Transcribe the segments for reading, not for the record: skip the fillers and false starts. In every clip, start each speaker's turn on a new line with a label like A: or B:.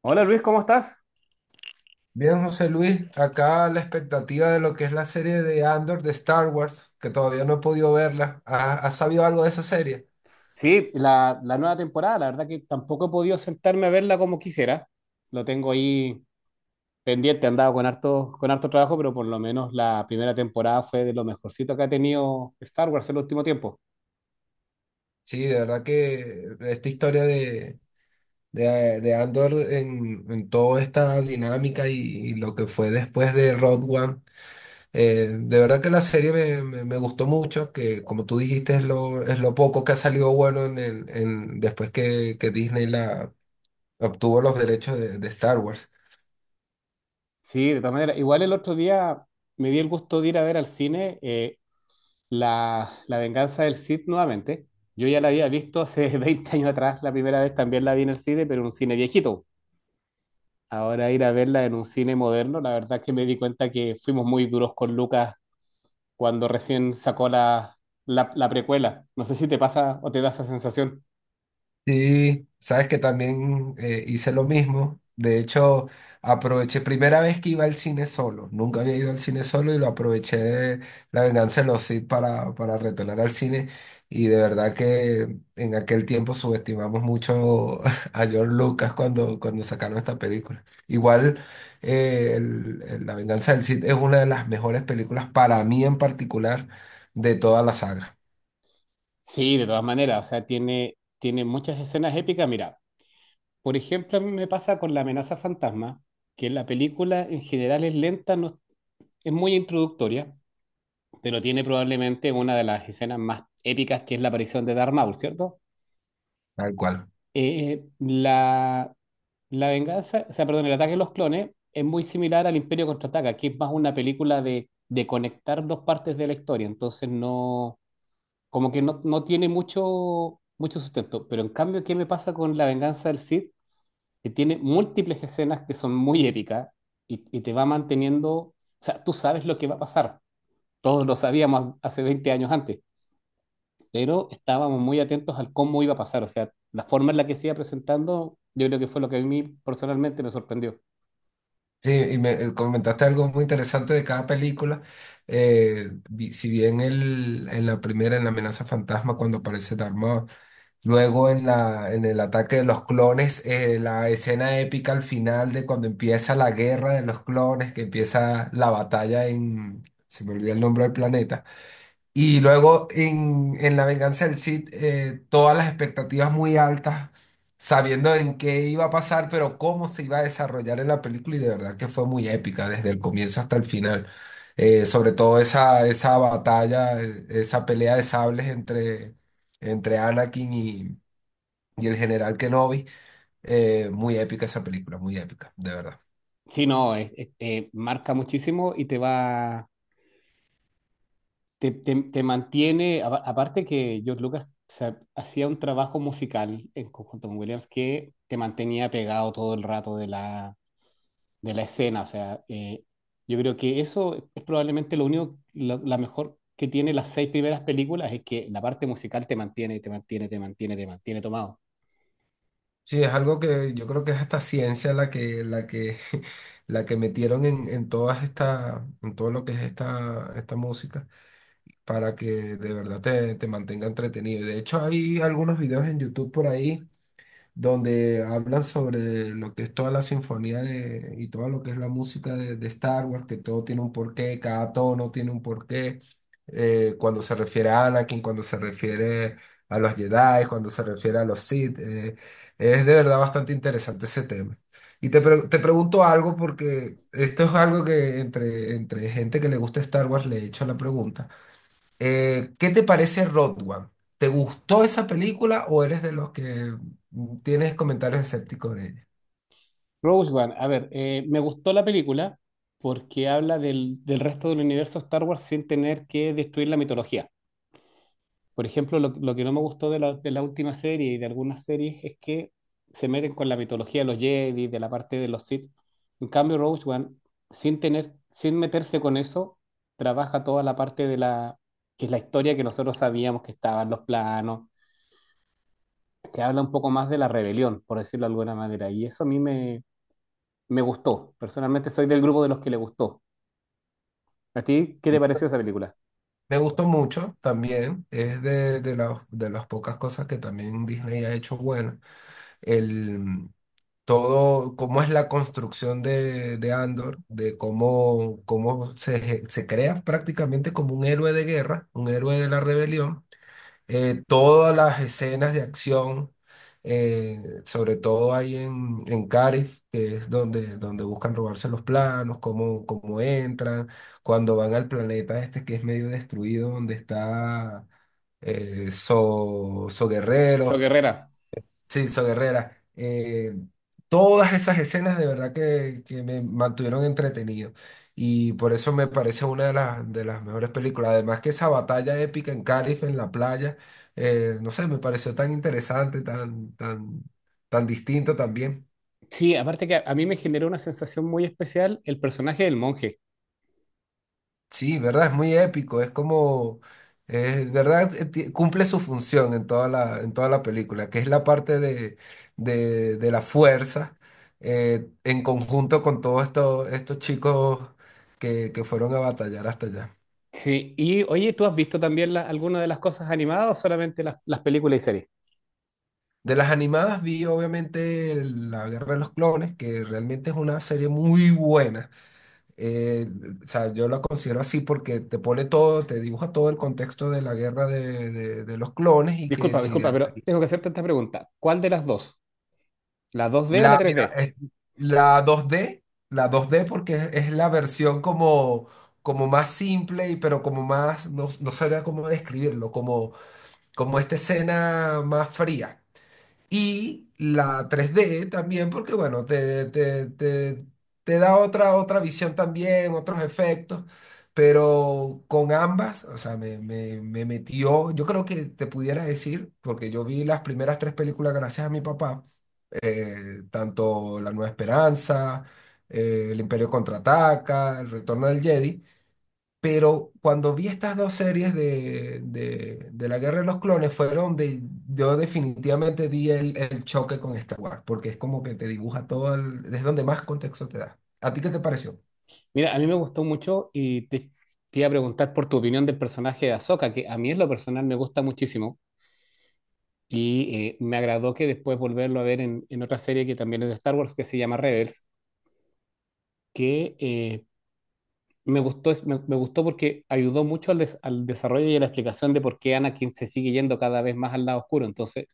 A: Hola Luis, ¿cómo estás?
B: Bien, José Luis, acá la expectativa de lo que es la serie de Andor de Star Wars, que todavía no he podido verla. ¿Has sabido algo de esa serie?
A: Sí, la nueva temporada, la verdad que tampoco he podido sentarme a verla como quisiera. Lo tengo ahí pendiente, he andado con harto trabajo, pero por lo menos la primera temporada fue de lo mejorcito que ha tenido Star Wars en el último tiempo.
B: Sí, de verdad que esta historia de Andor en toda esta dinámica y lo que fue después de Rogue One, de verdad que la serie me gustó mucho, que como tú dijiste es lo poco que ha salido bueno en el, en, después que Disney la obtuvo los derechos de Star Wars.
A: Sí, de todas maneras, igual el otro día me di el gusto de ir a ver al cine la venganza del Sith nuevamente. Yo ya la había visto hace 20 años atrás, la primera vez también la vi en el cine, pero en un cine viejito. Ahora ir a verla en un cine moderno, la verdad es que me di cuenta que fuimos muy duros con Lucas cuando recién sacó la precuela. No sé si te pasa o te da esa sensación.
B: Sí, sabes que también hice lo mismo. De hecho, aproveché, primera vez que iba al cine solo. Nunca había ido al cine solo y lo aproveché La Venganza de los Sith para retornar al cine. Y de verdad que en aquel tiempo subestimamos mucho a George Lucas cuando sacaron esta película. Igual, el La Venganza del Sith es una de las mejores películas para mí en particular de toda la saga.
A: Sí, de todas maneras, o sea, tiene muchas escenas épicas. Mira, por ejemplo, a mí me pasa con La amenaza fantasma, que la película en general es lenta, no, es muy introductoria, pero tiene probablemente una de las escenas más épicas, que es la aparición de Darth Maul, ¿cierto?
B: Tal cual.
A: Eh, la, o sea, perdón, el ataque de los clones es muy similar al Imperio Contraataca, que es más una película de conectar dos partes de la historia, entonces no, como que no tiene mucho, mucho sustento, pero en cambio, ¿qué me pasa con La venganza del Sith? Que tiene múltiples escenas que son muy épicas y te va manteniendo. O sea, tú sabes lo que va a pasar, todos lo sabíamos hace 20 años antes, pero estábamos muy atentos al cómo iba a pasar, o sea, la forma en la que se iba presentando, yo creo que fue lo que a mí personalmente me sorprendió.
B: Sí, y me comentaste algo muy interesante de cada película. Si bien el, en la primera, en La amenaza fantasma, cuando aparece Dharma, luego en la, en el ataque de los clones, la escena épica al final de cuando empieza la guerra de los clones, que empieza la batalla en, se me olvida el nombre del planeta. Y luego en La Venganza del Cid, todas las expectativas muy altas, sabiendo en qué iba a pasar, pero cómo se iba a desarrollar en la película, y de verdad que fue muy épica desde el comienzo hasta el final. Sobre todo esa, esa batalla, esa pelea de sables entre Anakin y el general Kenobi, muy épica esa película, muy épica, de verdad.
A: Sí, no, es- marca muchísimo y te va, te- te mantiene, aparte que George Lucas hacía un trabajo musical en conjunto con Williams que te mantenía pegado todo el rato de la escena. O sea, yo creo que eso es probablemente la mejor que tiene las seis primeras películas, es que la parte musical te mantiene tomado.
B: Sí, es algo que yo creo que es hasta ciencia la que metieron en todas esta, en todo lo que es esta, esta música para que de verdad te mantenga entretenido. Y de hecho, hay algunos videos en YouTube por ahí donde hablan sobre lo que es toda la sinfonía de, y todo lo que es la música de Star Wars, que todo tiene un porqué, cada tono tiene un porqué, cuando se refiere a Anakin, cuando se refiere a los Jedi, cuando se refiere a los Sith, es de verdad bastante interesante ese tema. Te pregunto algo porque esto es algo que entre gente que le gusta Star Wars le he hecho la pregunta. ¿Qué te parece Road One? ¿Te gustó esa película o eres de los que tienes comentarios escépticos de ella?
A: Rogue One, a ver, me gustó la película porque habla del resto del universo Star Wars sin tener que destruir la mitología. Por ejemplo, lo que no me gustó de la última serie y de algunas series es que se meten con la mitología de los Jedi, de la parte de los Sith. En cambio, Rogue One, sin meterse con eso, trabaja toda la parte que es la historia, que nosotros sabíamos que estaban los planos, que habla un poco más de la rebelión, por decirlo de alguna manera. Y eso a mí me gustó. Personalmente soy del grupo de los que le gustó. ¿A ti qué te pareció esa película?
B: Me gustó mucho también, es las- de las pocas cosas que también Disney ha hecho bueno. El, mm, Todo, cómo es la construcción de Andor, de cómo, cómo se crea prácticamente como un héroe de guerra, un héroe de la rebelión, todas las escenas de acción, eh, sobre todo ahí en Carif, que es donde, donde buscan robarse los planos, cómo, cómo entran, cuando van al planeta este que es medio destruido, donde está So
A: So
B: Guerrero.
A: Guerrera.
B: Sí, So Guerrera. Todas esas escenas de verdad que me mantuvieron entretenido. Y por eso me parece una de las mejores películas. Además que esa batalla épica en Calif, en la playa, no sé, me pareció tan interesante, tan distinta también.
A: Sí, aparte que a mí me generó una sensación muy especial el personaje del monje.
B: Sí, ¿verdad? Es muy épico, es como, es ¿verdad? Cumple su función en toda la película, que es la parte de la fuerza, en conjunto con todos estos, estos chicos que fueron a batallar hasta allá.
A: Sí, y oye, ¿tú has visto también alguna de las cosas animadas, o solamente las películas y series?
B: De las animadas vi obviamente el- La Guerra de los Clones, que realmente es una serie muy buena. Eh, o sea, yo la considero así porque te pone todo, te dibuja todo el contexto de la guerra de los clones y que
A: Disculpa,
B: si
A: disculpa, pero tengo que hacerte esta pregunta. ¿Cuál de las dos? ¿La 2D o la
B: La, mira,
A: 3D?
B: es- la 2D, la 2D porque es la versión como, como más simple y pero como más, no, no sabría cómo describirlo, como, como esta escena más fría. Y la 3D también porque, bueno, te da otra, otra visión también, otros efectos, pero con ambas, o sea, me metió, yo creo que te pudiera decir, porque yo vi las primeras tres películas gracias a mi papá, tanto La Nueva Esperanza, El Imperio Contraataca, El Retorno del Jedi. Pero cuando vi estas dos series de la Guerra de los Clones, fueron donde yo definitivamente di el choque con Star Wars, porque es como que te dibuja todo, el- es donde más contexto te da. ¿A ti qué te pareció?
A: Mira, a mí me gustó mucho y te iba a preguntar por tu opinión del personaje de Ahsoka, que a mí en lo personal me gusta muchísimo. Y me agradó que después volverlo a ver en, otra serie que también es de Star Wars, que se llama Rebels, que me gustó. Me gustó porque ayudó mucho al desarrollo y a la explicación de por qué Anakin se sigue yendo cada vez más al lado oscuro. Entonces,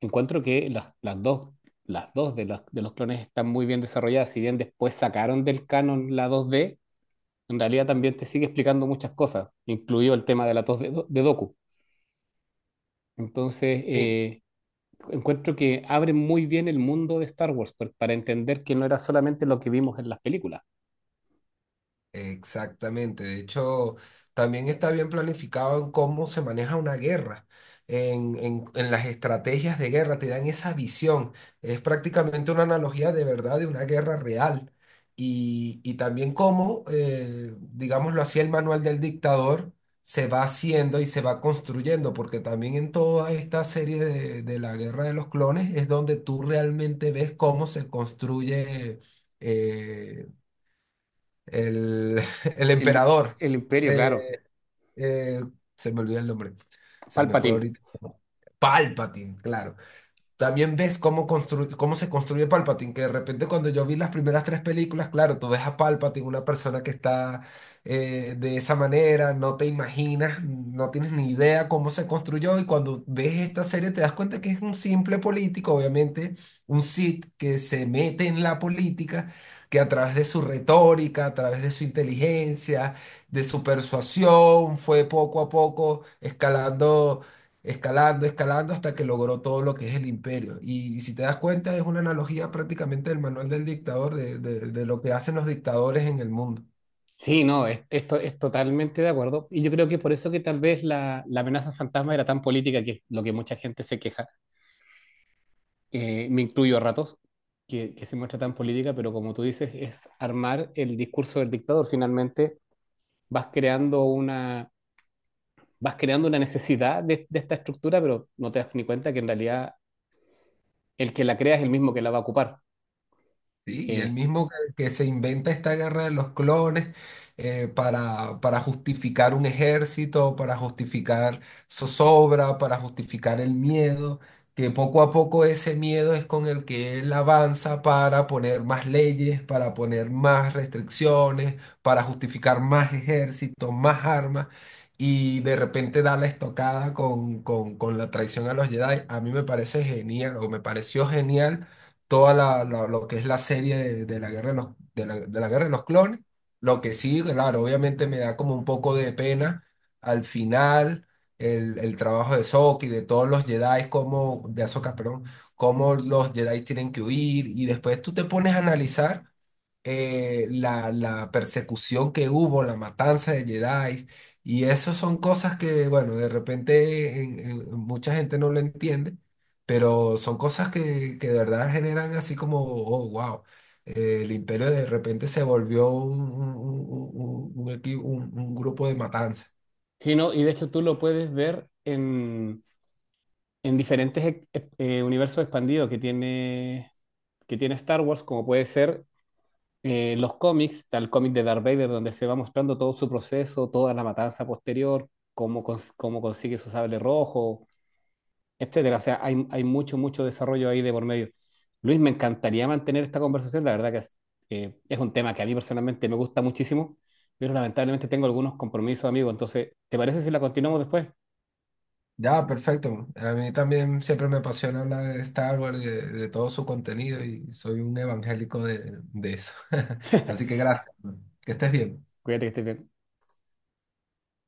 A: encuentro que las dos de los clones están muy bien desarrolladas. Si bien después sacaron del canon la dos d, en realidad también te sigue explicando muchas cosas, incluido el tema de la dos d de Doku. Entonces, encuentro que abren muy bien el mundo de Star Wars para entender que no era solamente lo que vimos en las películas.
B: Exactamente, de hecho, también está bien planificado en cómo se maneja una guerra, en las estrategias de guerra, te dan esa visión, es prácticamente una analogía de verdad de una guerra real. Y también cómo, digámoslo así, el manual del dictador se va haciendo y se va construyendo, porque también en toda esta serie de la guerra de los clones es donde tú realmente ves cómo se construye. eh, el el
A: El,
B: emperador.
A: el Imperio, claro.
B: eh, eh, Se me olvidó el nombre. Se me fue
A: Palpatine.
B: ahorita. Palpatine, claro. También ves cómo, cómo se construye Palpatine, que de repente cuando yo vi las primeras tres películas, claro, tú ves a Palpatine, una persona que está, de esa manera, no te imaginas, no tienes ni idea cómo se construyó y cuando ves esta serie te das cuenta que es un simple político, obviamente, un Sith que se mete en la política, que a través de su retórica, a través de su inteligencia, de su persuasión, fue poco a poco escalando, escalando, escalando hasta que logró todo lo que es el imperio. Y, si te das cuenta, es una analogía prácticamente del manual del dictador, de de lo que hacen los dictadores en el mundo.
A: Sí, no, es- esto es totalmente de acuerdo. Y yo creo que por eso que tal vez la amenaza fantasma era tan política, que es lo que mucha gente se queja. Me incluyo a ratos, que se muestra tan política, pero como tú dices, es armar el discurso del dictador. Finalmente vas creando una, vas creando una necesidad de esta estructura, pero no te das ni cuenta que en realidad el que la crea es el mismo que la va a ocupar.
B: Sí, y el
A: Eh,
B: mismo que se inventa esta guerra de los clones, para justificar un ejército, para justificar zozobra, para justificar el miedo, que poco a poco ese miedo es con el que él avanza para poner más leyes, para poner más restricciones, para justificar más ejércitos, más armas, y de repente da la estocada con la traición a los Jedi. A mí me parece genial, o me pareció genial toda lo que es la serie de la guerra de los, de la guerra de los clones. Lo que sí, claro, obviamente me da como un poco de pena al final el trabajo de Soka y de todos los Jedi, como, de Ahsoka, perdón, cómo los Jedi tienen que huir y después tú te pones a analizar, la persecución que hubo, la matanza de Jedi, y eso son cosas que, bueno, de repente mucha gente no lo entiende, pero son cosas que de verdad generan así como, oh, wow, el imperio de repente se volvió un, un grupo de matanza.
A: sí, no, y de hecho tú lo puedes ver en diferentes universos expandidos que tiene Star Wars, como puede ser los cómics. Está el cómic de Darth Vader donde se va mostrando todo su proceso, toda la matanza posterior, cómo consigue su sable rojo, etcétera. O sea, hay mucho, mucho desarrollo ahí de por medio. Luis, me encantaría mantener esta conversación, la verdad que es un tema que a mí personalmente me gusta muchísimo, pero lamentablemente tengo algunos compromisos, amigo, entonces, ¿te parece si la continuamos después?
B: Ya, perfecto. A mí también siempre me apasiona hablar de Star Wars y de todo su contenido y soy un evangélico de eso. Así que gracias. Que estés bien.
A: Cuídate, que estés bien.